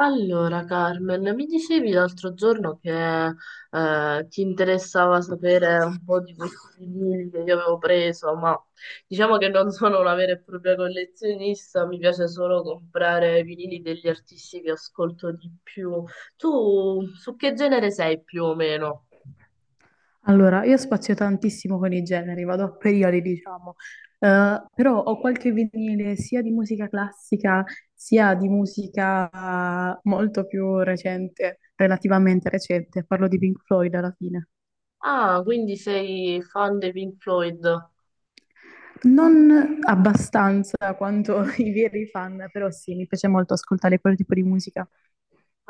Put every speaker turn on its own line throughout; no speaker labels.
Allora, Carmen, mi dicevi l'altro giorno che ti interessava sapere un po' di questi libri che io avevo preso, ma diciamo che non sono una vera e propria collezionista, mi piace solo comprare i vinili degli artisti che ascolto di più. Tu su che genere sei più o meno?
Allora, io spazio tantissimo con i generi, vado a periodi, diciamo. Però ho qualche vinile sia di musica classica sia di musica molto più recente, relativamente recente, parlo di Pink Floyd alla fine.
Ah, quindi sei fan dei Pink Floyd?
Non abbastanza quanto i veri fan, però sì, mi piace molto ascoltare quel tipo di musica.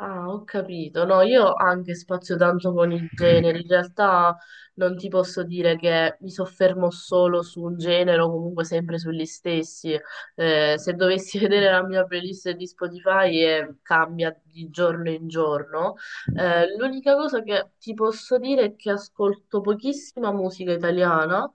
Ah, ho capito. No, io anche spazio tanto con i generi. In realtà non ti posso dire che mi soffermo solo su un genere o comunque sempre sugli stessi. Se dovessi vedere la mia playlist di Spotify, cambia di giorno in giorno. L'unica cosa che ti posso dire è che ascolto pochissima musica italiana,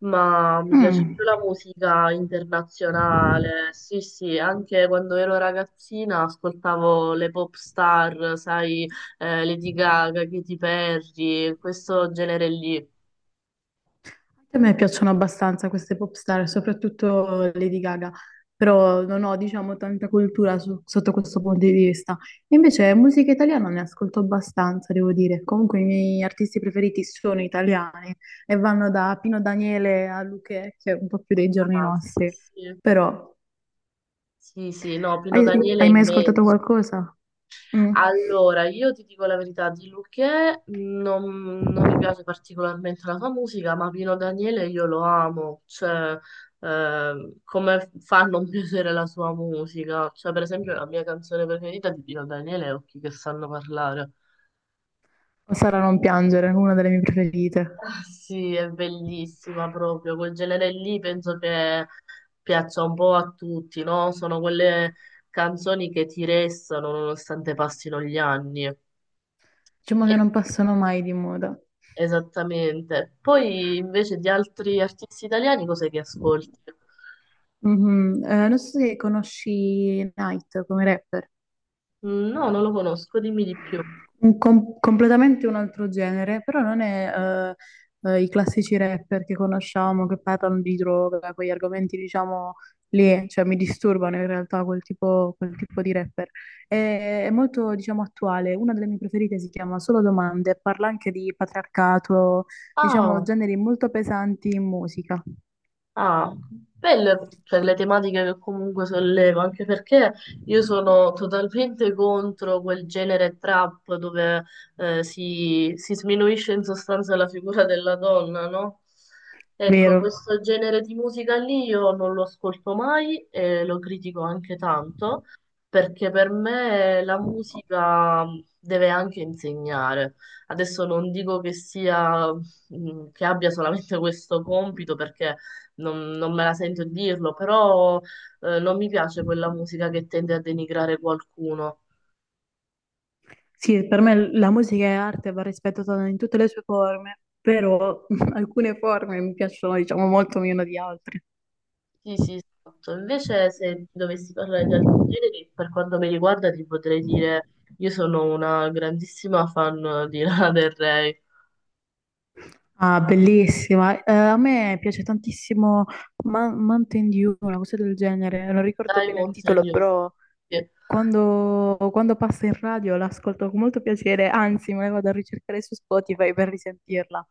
ma mi piace
Mm.
più la musica internazionale. Sì, sì, anche quando ero ragazzina ascoltavo le pop star, sai, Lady Gaga, Katy Perry, questo genere lì.
A me piacciono abbastanza queste pop star, soprattutto Lady Gaga, però non ho, diciamo, tanta cultura sotto questo punto di vista. Invece musica italiana ne ascolto abbastanza, devo dire. Comunque i miei artisti preferiti sono italiani e vanno da Pino Daniele a Luchè, che è un po' più dei giorni
Ah, sì,
nostri.
sì.
Però,
Sì, sì, no, Pino
hai,
Daniele è
hai mai ascoltato
immenso.
qualcosa? Mm.
Allora, io ti dico la verità, di Luchè non mi piace particolarmente la sua musica, ma Pino Daniele io lo amo, cioè come fa a non piacere la sua musica? Cioè, per esempio, la mia canzone preferita di Pino Daniele è Occhi che sanno parlare.
O Sara non piangere, una delle mie preferite.
Ah, sì, è bellissima proprio, quel genere lì penso che piaccia un po' a tutti, no? Sono quelle canzoni che ti restano nonostante passino gli anni.
Diciamo
E
che non passano mai di moda.
Esattamente. Poi invece di altri artisti italiani, cos'è che ascolti?
Mhm. Non so se conosci Night come rapper,
Mm, no, non lo conosco, dimmi di più.
completamente un altro genere, però non è i classici rapper che conosciamo che parlano di droga, quegli argomenti diciamo lì, cioè mi disturbano in realtà quel tipo di rapper. È molto diciamo attuale, una delle mie preferite si chiama Solo Domande, parla anche di patriarcato, diciamo
Ah,
generi molto pesanti in musica,
ah, belle per le tematiche che comunque sollevo, anche perché io sono totalmente contro quel genere trap dove si sminuisce in sostanza la figura della donna, no? Ecco,
vero?
questo genere di musica lì io non lo ascolto mai e lo critico anche tanto, perché per me la musica deve anche insegnare. Adesso non dico che sia, che abbia solamente questo compito, perché non me la sento di dirlo, però non mi piace quella musica che tende a denigrare qualcuno.
Sì, per me la musica è arte, va rispettata in tutte le sue forme, però alcune forme mi piacciono, diciamo, molto meno di altre.
Sì, sì, esatto. Invece se dovessi parlare di altri generi, per quanto mi riguarda, ti potrei dire, io sono una grandissima fan di Lana Del Rey,
Ah, bellissima. A me piace tantissimo Mountain Dew, una cosa del genere. Non ricordo bene il
Diamonds and
titolo,
News.
però quando passa in radio l'ascolto con molto piacere, anzi, me la vado a ricercare su Spotify per risentirla.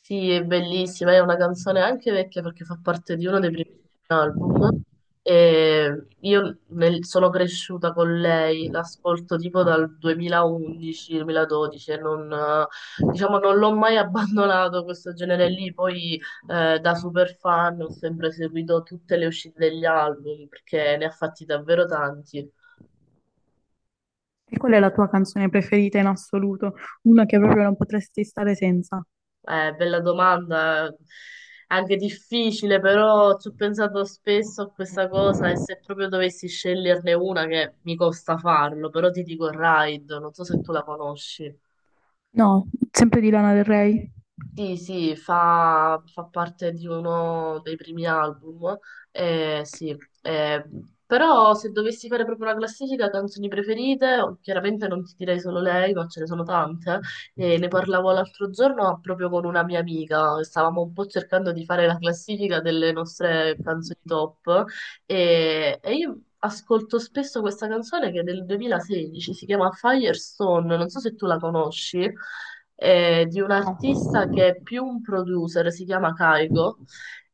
Sì, è bellissima, è una canzone anche vecchia perché fa parte di uno dei primi album. E io sono cresciuta con lei, l'ascolto tipo dal 2011-2012 e non, diciamo, non l'ho mai abbandonato questo genere lì. Poi da super fan ho sempre seguito tutte le uscite degli album perché ne ha fatti davvero tanti.
E qual è la tua canzone preferita in assoluto? Una che proprio non potresti stare senza?
Bella domanda, anche difficile, però ci ho pensato spesso a questa cosa e se proprio dovessi sceglierne una che mi costa farlo, però ti dico Ride, non so se tu la conosci.
No, sempre di Lana Del Rey.
Sì, sì, fa parte di uno dei primi album, sì. eh, Però se dovessi fare proprio una classifica canzoni preferite, oh, chiaramente non ti direi solo lei, ma ce ne sono tante. E ne parlavo l'altro giorno proprio con una mia amica, stavamo un po' cercando di fare la classifica delle nostre canzoni top e io ascolto spesso questa canzone che è del 2016, si chiama Firestone, non so se tu la conosci di un artista
No.
che è più un producer, si chiama Kaigo.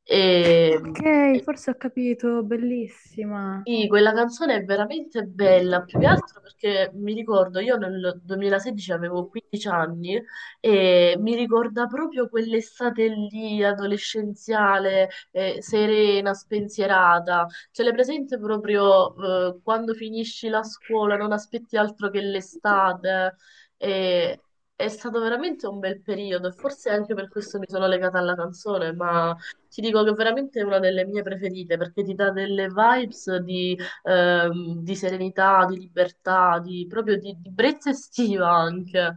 E,
Ok, forse ho capito, bellissima.
sì, quella canzone è veramente bella, più che altro perché mi ricordo, io nel 2016 avevo 15 anni e mi ricorda proprio quell'estate lì, adolescenziale, serena, spensierata. Ce l'hai presente proprio, quando finisci la scuola, non aspetti altro che l'estate. E è stato veramente un bel periodo e forse anche per questo mi sono legata alla canzone, ma ti dico che veramente è una delle mie preferite perché ti dà delle vibes di serenità, di libertà, di brezza estiva anche.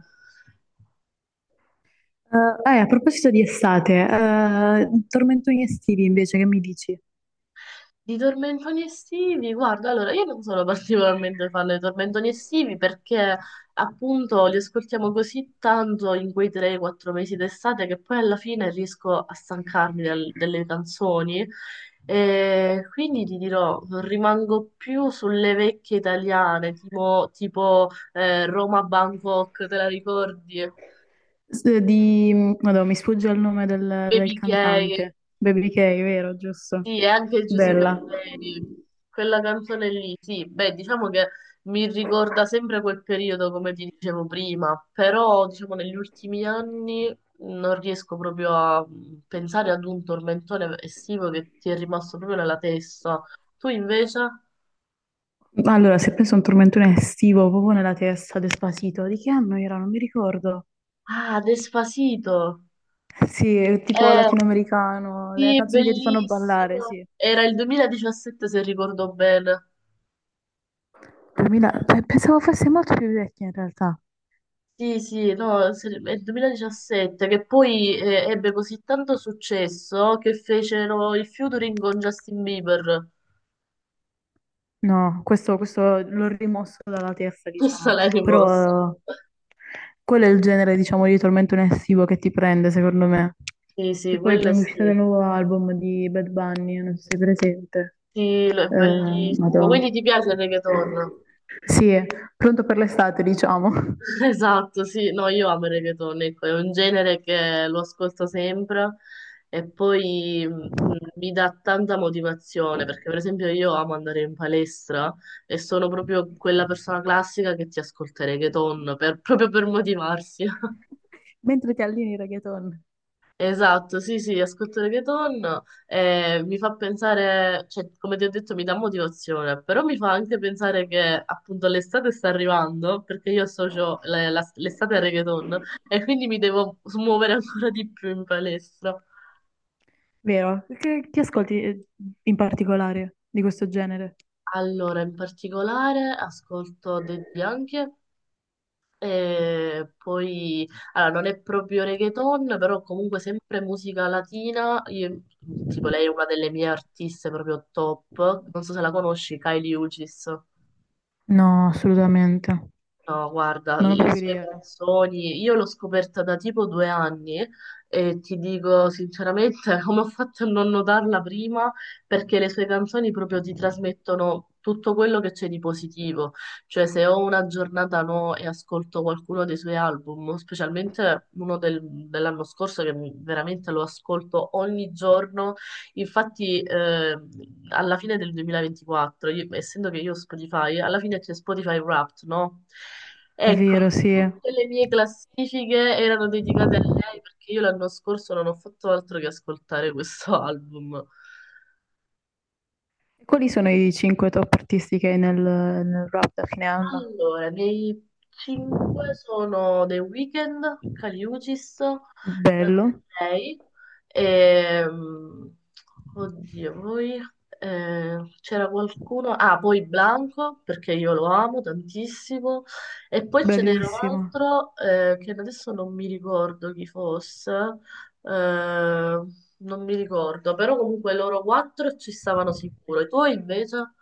A proposito di estate, tormentoni estivi invece, che mi dici?
Di tormentoni estivi, guarda, allora io non sono particolarmente fan dei tormentoni estivi perché appunto li ascoltiamo così tanto in quei 3-4 mesi d'estate che poi alla fine riesco a stancarmi delle canzoni e quindi ti dirò, rimango più sulle vecchie italiane, tipo, Roma Bangkok, te la ricordi?
S- di... Madonna, mi sfugge il nome del
Baby Gay.
cantante. Baby K, vero, giusto?
Sì, e anche Giuseppe
Bella.
Ferreri, quella canzone lì, sì, beh, diciamo che mi ricorda sempre quel periodo, come ti dicevo prima, però diciamo negli ultimi anni non riesco proprio a pensare ad un tormentone estivo che ti è rimasto proprio nella testa. Tu invece?
Allora, se penso a un tormentone estivo, proprio nella testa, Despacito, di che anno era? Non mi ricordo.
Ah, Despacito!
Sì, è tipo
Eh,
latinoamericano, le
sì,
canzoni che ti fanno ballare,
bellissimo!
sì.
Era il 2017 se ricordo bene.
Pensavo fosse molto più vecchia in realtà.
Sì, sì, no, è il 2017 che poi ebbe così tanto successo che fecero il featuring con Justin Bieber.
No, questo l'ho rimosso dalla testa,
Questa
diciamo,
l'hai rimossa.
però quello è il genere, diciamo, di tormento estivo che ti prende, secondo me.
Sì, sì,
Che poi
quella
con l'uscita
sì.
del nuovo album di Bad Bunny, non so se sei presente,
Sì, è
eh,
bellissimo. Quindi
madò.
ti piace il reggaeton?
Sì, è pronto per l'estate, diciamo.
Esatto, sì, no, io amo il reggaeton, ecco, è un genere che lo ascolto sempre e poi mi dà tanta motivazione perché per esempio io amo andare in palestra e sono proprio quella persona classica che ti ascolta il reggaeton proprio per motivarsi.
Mentre ti allini reggaeton,
Esatto, sì, sì, ascolto reggaeton e mi fa pensare, cioè, come ti ho detto, mi dà motivazione, però mi fa anche pensare che appunto l'estate sta arrivando, perché io associo l'estate al reggaeton e quindi mi devo smuovere ancora di più in palestra.
vero? Che ascolti in particolare di questo genere?
Allora, in particolare ascolto dei Bianchi. E poi, allora, non è proprio reggaeton, però comunque sempre musica latina. Tipo, lei è una delle mie artiste proprio top. Non so se la conosci, Kylie Uchis.
No, assolutamente.
No, guarda,
Non ho
le
proprio
sue
idea.
canzoni, io l'ho scoperta da tipo due anni e ti dico sinceramente come ho fatto a non notarla prima, perché le sue canzoni proprio ti trasmettono tutto quello che c'è di positivo. Cioè, se ho una giornata no e ascolto qualcuno dei suoi album, specialmente uno dell'anno scorso veramente lo ascolto ogni giorno. Infatti, alla fine del 2024, essendo che io ho Spotify, alla fine c'è Spotify Wrapped, no?
È
Ecco,
vero, sì.
tutte le mie classifiche erano dedicate a lei perché io l'anno scorso non ho fatto altro che ascoltare questo album.
E quali sono i cinque top artisti che hai nel rap da fine anno?
Allora, dei 5 sono The Weeknd, Caliucis,
Bello,
lei, e, oddio, poi c'era qualcuno, ah, poi Blanco, perché io lo amo tantissimo, e poi ce n'era un
bellissimo.
altro che adesso non mi ricordo chi fosse, non mi ricordo, però comunque loro quattro ci stavano sicuro, e tu invece?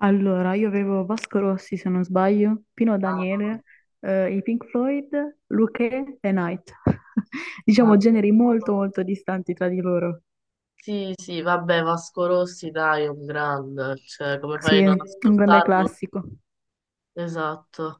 Allora, io avevo Vasco Rossi, se non sbaglio, Pino
Ah,
Daniele, i Pink Floyd, Luchè e Night.
ah,
Diciamo generi molto molto distanti tra di loro.
sì, sì, vabbè, Vasco Rossi, dai, è un grande, cioè, come
Sì,
fai a
è
non
un grande
ascoltarlo?
classico.
Esatto.